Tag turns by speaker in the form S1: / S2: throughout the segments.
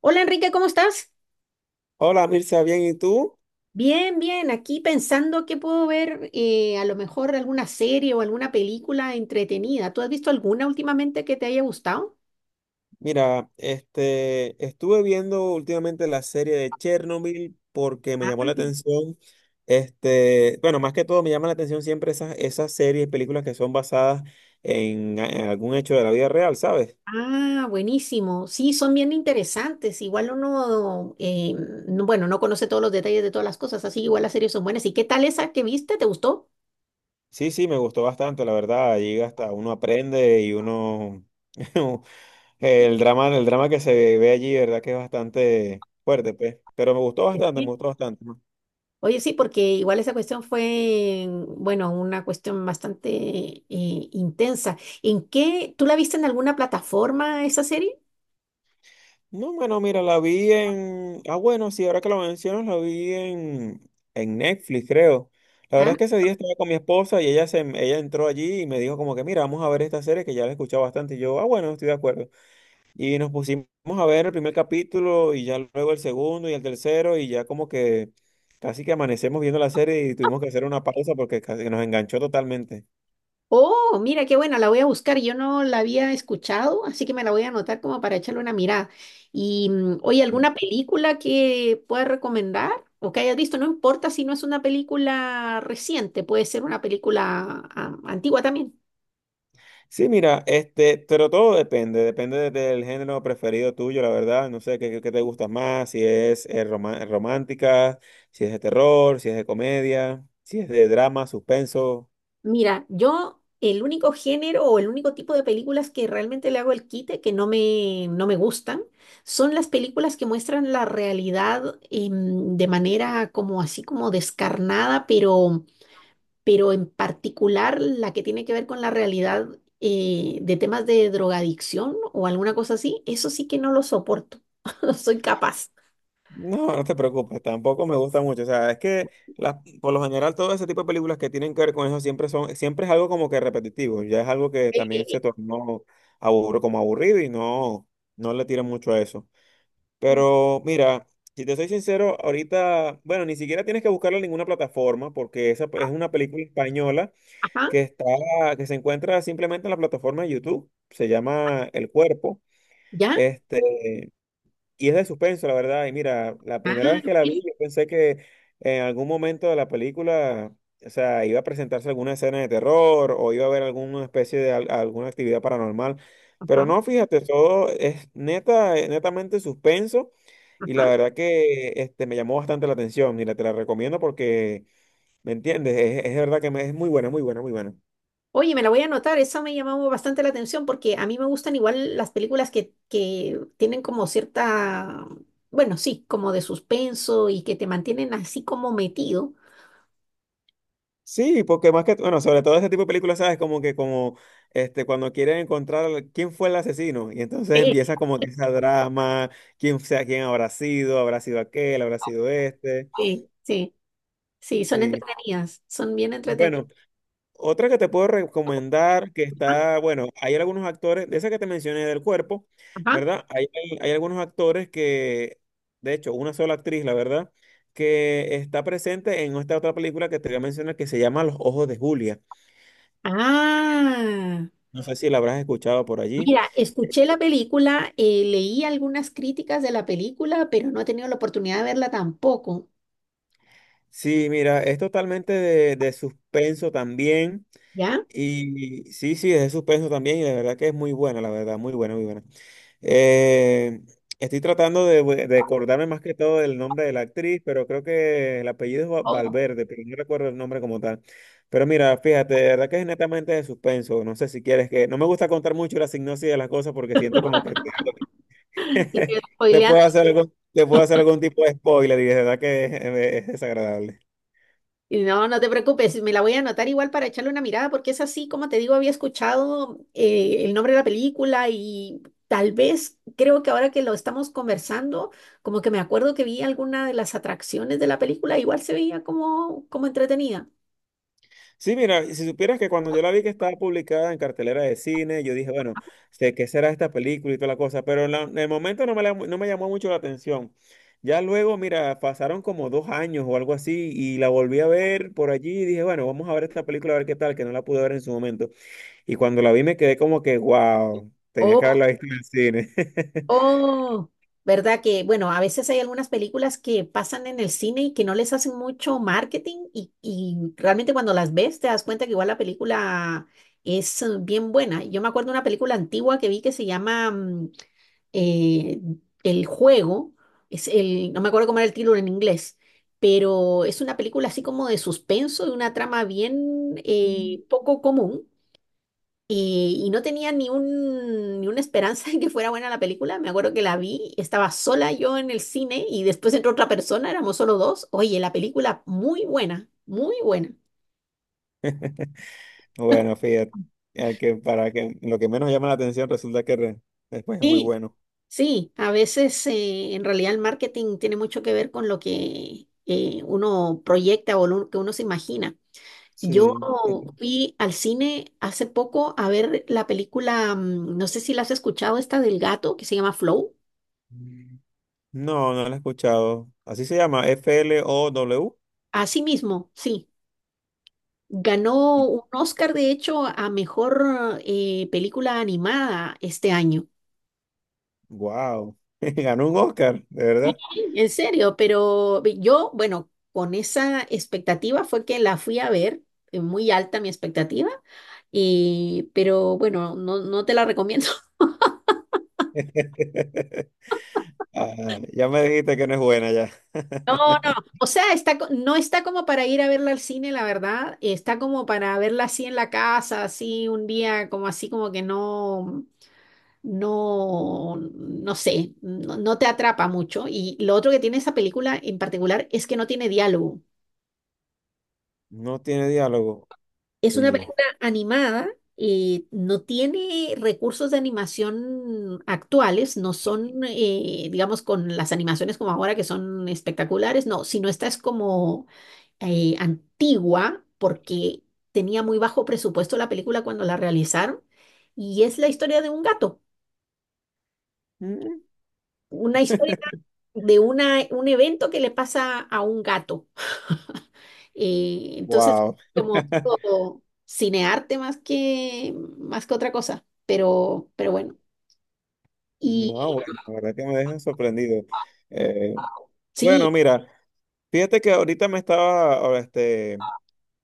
S1: Hola Enrique, ¿cómo estás?
S2: Hola Mirza, bien, ¿y tú?
S1: Bien, bien, aquí pensando que puedo ver a lo mejor alguna serie o alguna película entretenida. ¿Tú has visto alguna últimamente que te haya gustado?
S2: Mira, este, estuve viendo últimamente la serie de Chernobyl porque me
S1: Ah,
S2: llamó la atención, este, bueno, más que todo me llama la atención siempre esas series y películas que son basadas en algún hecho de la vida real, ¿sabes?
S1: ah, buenísimo. Sí, son bien interesantes. Igual uno, bueno, no conoce todos los detalles de todas las cosas, así igual las series son buenas. ¿Y qué tal esa que viste? ¿Te gustó?
S2: Sí, sí, me gustó bastante, la verdad, allí hasta uno aprende y uno, el drama que se ve allí, ¿verdad? Que es bastante fuerte, pues, pero me gustó bastante, me
S1: Sí.
S2: gustó bastante. ¿No?
S1: Oye, sí, porque igual esa cuestión fue, bueno, una cuestión bastante intensa. ¿En qué? ¿Tú la viste en alguna plataforma esa serie?
S2: No, bueno, mira, la vi en... Ah, bueno, sí, ahora que lo mencionas, la vi en Netflix, creo. La verdad
S1: Ah,
S2: es que ese día estaba con mi esposa y ella entró allí y me dijo como que, mira, vamos a ver esta serie que ya la he escuchado bastante. Y yo, ah, bueno, estoy de acuerdo. Y nos pusimos a ver el primer capítulo y ya luego el segundo y el tercero y ya como que casi que amanecemos viendo la serie y tuvimos que hacer una pausa porque casi que nos enganchó totalmente.
S1: oh, mira, qué buena, la voy a buscar. Yo no la había escuchado, así que me la voy a anotar como para echarle una mirada. Y oye, ¿alguna película que puedas recomendar o que hayas visto? No importa si no es una película reciente, puede ser una película ah, antigua también.
S2: Sí, mira, este, pero todo depende, depende del género preferido tuyo, la verdad. No sé qué, qué te gusta más, si es romántica, si es de terror, si es de comedia, si es de drama, suspenso.
S1: Mira, yo el único género o el único tipo de películas que realmente le hago el quite, que no me, no me gustan, son las películas que muestran la realidad de manera como así como descarnada, pero en particular la que tiene que ver con la realidad de temas de drogadicción o alguna cosa así, eso sí que no lo soporto, no soy capaz.
S2: No, no te preocupes, tampoco me gusta mucho. O sea, es que por lo general todo ese tipo de películas que tienen que ver con eso siempre son, siempre es algo como que repetitivo, ya es algo que también
S1: Eh,
S2: se tornó aburro, como aburrido y no, no le tiran mucho a eso. Pero mira, si te soy sincero, ahorita, bueno, ni siquiera tienes que buscarla en ninguna plataforma porque esa es una película española
S1: Ajá,
S2: que está, que se encuentra simplemente en la plataforma de YouTube. Se llama El Cuerpo.
S1: ¿ya?
S2: Este, y es de suspenso, la verdad. Y mira, la
S1: Ah,
S2: primera vez que la vi,
S1: mira,
S2: yo pensé que en algún momento de la película, o sea, iba a presentarse alguna escena de terror o iba a haber alguna especie de alguna actividad paranormal. Pero
S1: ajá,
S2: no, fíjate, todo es netamente suspenso. Y la
S1: ajá.
S2: verdad que este, me llamó bastante la atención. Mira, te la recomiendo porque, ¿me entiendes? Es verdad que es muy buena, muy buena, muy buena.
S1: Oye, me la voy a anotar, esa me llamó bastante la atención porque a mí me gustan igual las películas que tienen como cierta, bueno, sí, como de suspenso y que te mantienen así como metido.
S2: Sí, porque más que, bueno, sobre todo ese tipo de películas, ¿sabes? Como que como, este, cuando quieren encontrar quién fue el asesino. Y entonces
S1: Sí,
S2: empieza como que esa drama, quién sea, quién habrá sido aquel, habrá sido este.
S1: sí, sí, sí, son
S2: Sí.
S1: entretenidas, son bien entretenidas.
S2: Bueno, otra que te puedo recomendar, que está, bueno, hay algunos actores, de esa que te mencioné del cuerpo,
S1: Ajá,
S2: ¿verdad? Hay algunos actores que, de hecho, una sola actriz, la verdad, que está presente en esta otra película que te voy a mencionar que se llama Los Ojos de Julia.
S1: ah,
S2: No sé si la habrás escuchado por allí.
S1: mira, escuché la película, leí algunas críticas de la película, pero no he tenido la oportunidad de verla tampoco,
S2: Sí, mira, es totalmente de suspenso también.
S1: ¿ya?
S2: Y sí, sí, es de suspenso también y de verdad que es muy buena, la verdad, muy buena, muy buena. Eh, Estoy tratando de acordarme más que todo del nombre de la actriz, pero creo que el apellido es Valverde, pero no recuerdo el nombre como tal. Pero mira, fíjate, de verdad que es netamente de suspenso. No sé si quieres que... No me gusta contar mucho la sinopsis de las cosas porque siento como que
S1: Así que,
S2: te puedo
S1: spoileando.
S2: hacer algún, te puedo hacer algún tipo de spoiler y de verdad que es desagradable.
S1: Y no, no te preocupes, me la voy a anotar igual para echarle una mirada, porque es así, como te digo, había escuchado el nombre de la película y tal vez creo que ahora que lo estamos conversando, como que me acuerdo que vi alguna de las atracciones de la película, igual se veía como, como entretenida.
S2: Sí, mira, y si supieras que cuando yo la vi que estaba publicada en cartelera de cine, yo dije, bueno, sé qué será esta película y toda la cosa, pero en el momento no me llamó mucho la atención. Ya luego, mira, pasaron como 2 años o algo así y la volví a ver por allí y dije, bueno, vamos a ver esta película a ver qué tal, que no la pude ver en su momento. Y cuando la vi me quedé como que, wow, tenía que haberla visto en el cine.
S1: Oh, ¿verdad que, bueno, a veces hay algunas películas que pasan en el cine y que no les hacen mucho marketing y realmente cuando las ves te das cuenta que igual la película es bien buena. Yo me acuerdo de una película antigua que vi que se llama eh, El Juego, es el, no me acuerdo cómo era el título en inglés, pero es una película así como de suspenso, de una trama bien poco común y no tenía ni un, ni una esperanza de que fuera buena la película. Me acuerdo que la vi, estaba sola yo en el cine y después entró otra persona, éramos solo dos. Oye, la película muy buena, muy buena.
S2: Bueno, fíjate, al que para que lo que menos llama la atención resulta que después es muy
S1: Sí,
S2: bueno.
S1: sí, a veces en realidad el marketing tiene mucho que ver con lo que uno proyecta o lo que uno se imagina. Yo
S2: Sí.
S1: fui al cine hace poco a ver la película, no sé si la has escuchado, esta del gato que se llama Flow.
S2: es- No, no la he escuchado. Así se llama, Flow.
S1: Así mismo, sí. Ganó un Oscar, de hecho, a mejor película animada este año.
S2: Wow, ganó un Oscar, de verdad.
S1: En serio, pero yo, bueno, con esa expectativa fue que la fui a ver, muy alta mi expectativa, y, pero bueno, no, no te la recomiendo.
S2: Ah, ya me dijiste que no es buena ya.
S1: No, no, o sea, está, no está como para ir a verla al cine, la verdad, está como para verla así en la casa, así un día, como así como que no. No, no sé, no, no te atrapa mucho. Y lo otro que tiene esa película en particular es que no tiene diálogo.
S2: No tiene diálogo.
S1: Es una
S2: Oye.
S1: película animada y no tiene recursos de animación actuales, no son, digamos, con las animaciones como ahora que son espectaculares, no, sino esta es como antigua porque tenía muy bajo presupuesto la película cuando la realizaron y es la historia de un gato. Una historia de una, un evento que le pasa a un gato. Eh, entonces,
S2: Wow.
S1: como tipo cinearte más que otra cosa, pero bueno.
S2: No,
S1: Y
S2: bueno, la verdad que me deja sorprendido. Eh, bueno,
S1: sí,
S2: mira, fíjate que ahorita me estaba, este,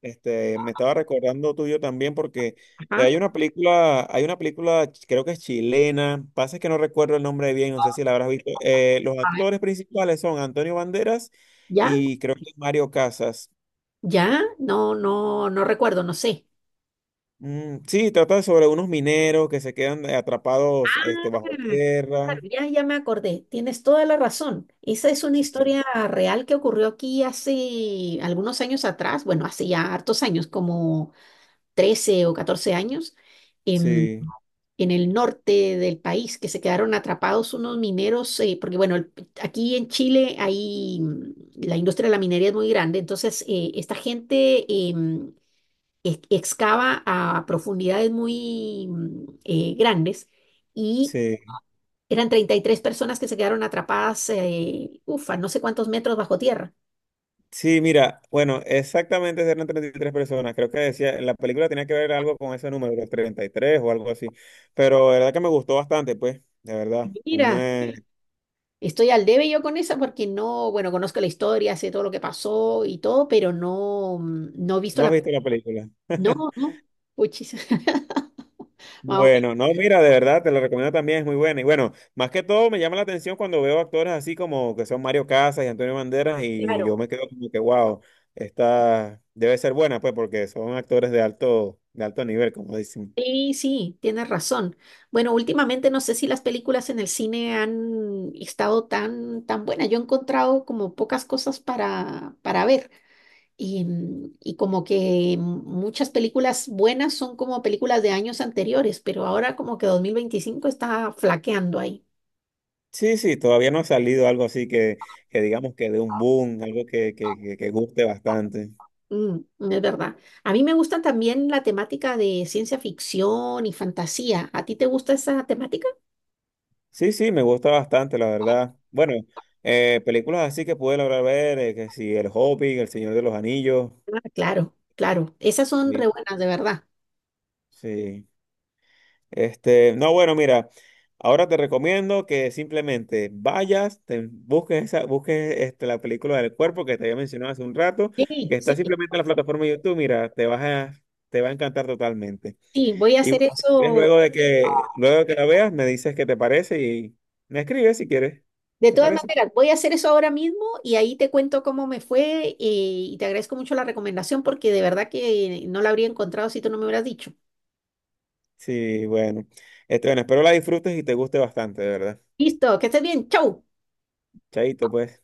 S2: Este, me estaba recordando tuyo también porque
S1: ajá,
S2: hay una película, creo que es chilena, pasa es que no recuerdo el nombre bien, no sé si la habrás visto. Los
S1: a ver,
S2: actores principales son Antonio Banderas
S1: ya,
S2: y creo que Mario Casas.
S1: ya, no, no, no recuerdo, no sé.
S2: Mm, sí, trata sobre unos mineros que se quedan atrapados
S1: Ah,
S2: este, bajo tierra.
S1: claro, ya, ya me acordé, tienes toda la razón. Esa es una
S2: Sí,
S1: historia real que ocurrió aquí hace algunos años atrás, bueno, hace ya hartos años, como 13 o 14 años, em,
S2: sí,
S1: en el norte del país, que se quedaron atrapados unos mineros, porque bueno, aquí en Chile hay, la industria de la minería es muy grande, entonces esta gente excava a profundidades muy grandes y
S2: sí.
S1: eran 33 personas que se quedaron atrapadas, ufa, no sé cuántos metros bajo tierra.
S2: Sí, mira, bueno, exactamente eran 33 personas. Creo que decía, la película tenía que ver algo con ese número, los 33 o algo así. Pero de verdad que me gustó bastante, pues, de verdad.
S1: Mira, estoy al debe yo con esa porque no, bueno, conozco la historia, sé todo lo que pasó y todo, pero no, no he visto
S2: ¿No has
S1: la... pe-
S2: visto la película?
S1: No, no, puchis. Más o menos,
S2: Bueno, no, mira, de verdad, te lo recomiendo también, es muy buena. Y bueno, más que todo me llama la atención cuando veo actores así como que son Mario Casas y Antonio Banderas y yo
S1: claro.
S2: me quedo como que, wow, esta debe ser buena, pues, porque son actores de alto nivel, como dicen.
S1: Sí, sí, tienes razón. Bueno, últimamente no sé si las películas en el cine han estado tan, tan buenas. Yo he encontrado como pocas cosas para ver. Y, y como que muchas películas buenas son como películas de años anteriores, pero ahora como que 2025 está flaqueando ahí.
S2: Sí, sí, todavía no ha salido algo así que digamos que de un boom, algo que guste bastante.
S1: Mm, es verdad. A mí me gusta también la temática de ciencia ficción y fantasía. ¿A ti te gusta esa temática?
S2: Sí, sí, me gusta bastante, la verdad. Bueno, películas así que pude lograr ver, que si El Hobbit, El Señor de los Anillos.
S1: Ah, claro, claro. Esas son re
S2: Sí,
S1: buenas, de verdad.
S2: sí. Este, no, bueno, mira, ahora te recomiendo que simplemente vayas, te busques esa, busques este, la película del cuerpo que te había mencionado hace un rato, que
S1: Sí,
S2: está
S1: sí,
S2: simplemente en la plataforma de YouTube, mira, te va a encantar totalmente.
S1: sí, voy a
S2: Y
S1: hacer
S2: bueno, si quieres,
S1: eso.
S2: luego de que la veas, me dices qué te parece y me escribes si quieres.
S1: De
S2: ¿Te
S1: todas
S2: parece?
S1: maneras, voy a hacer eso ahora mismo y ahí te cuento cómo me fue y te agradezco mucho la recomendación porque de verdad que no la habría encontrado si tú no me hubieras dicho.
S2: Sí, bueno. Este, bueno, espero la disfrutes y te guste bastante, de verdad.
S1: Listo, que estés bien. Chau.
S2: Chaito, pues.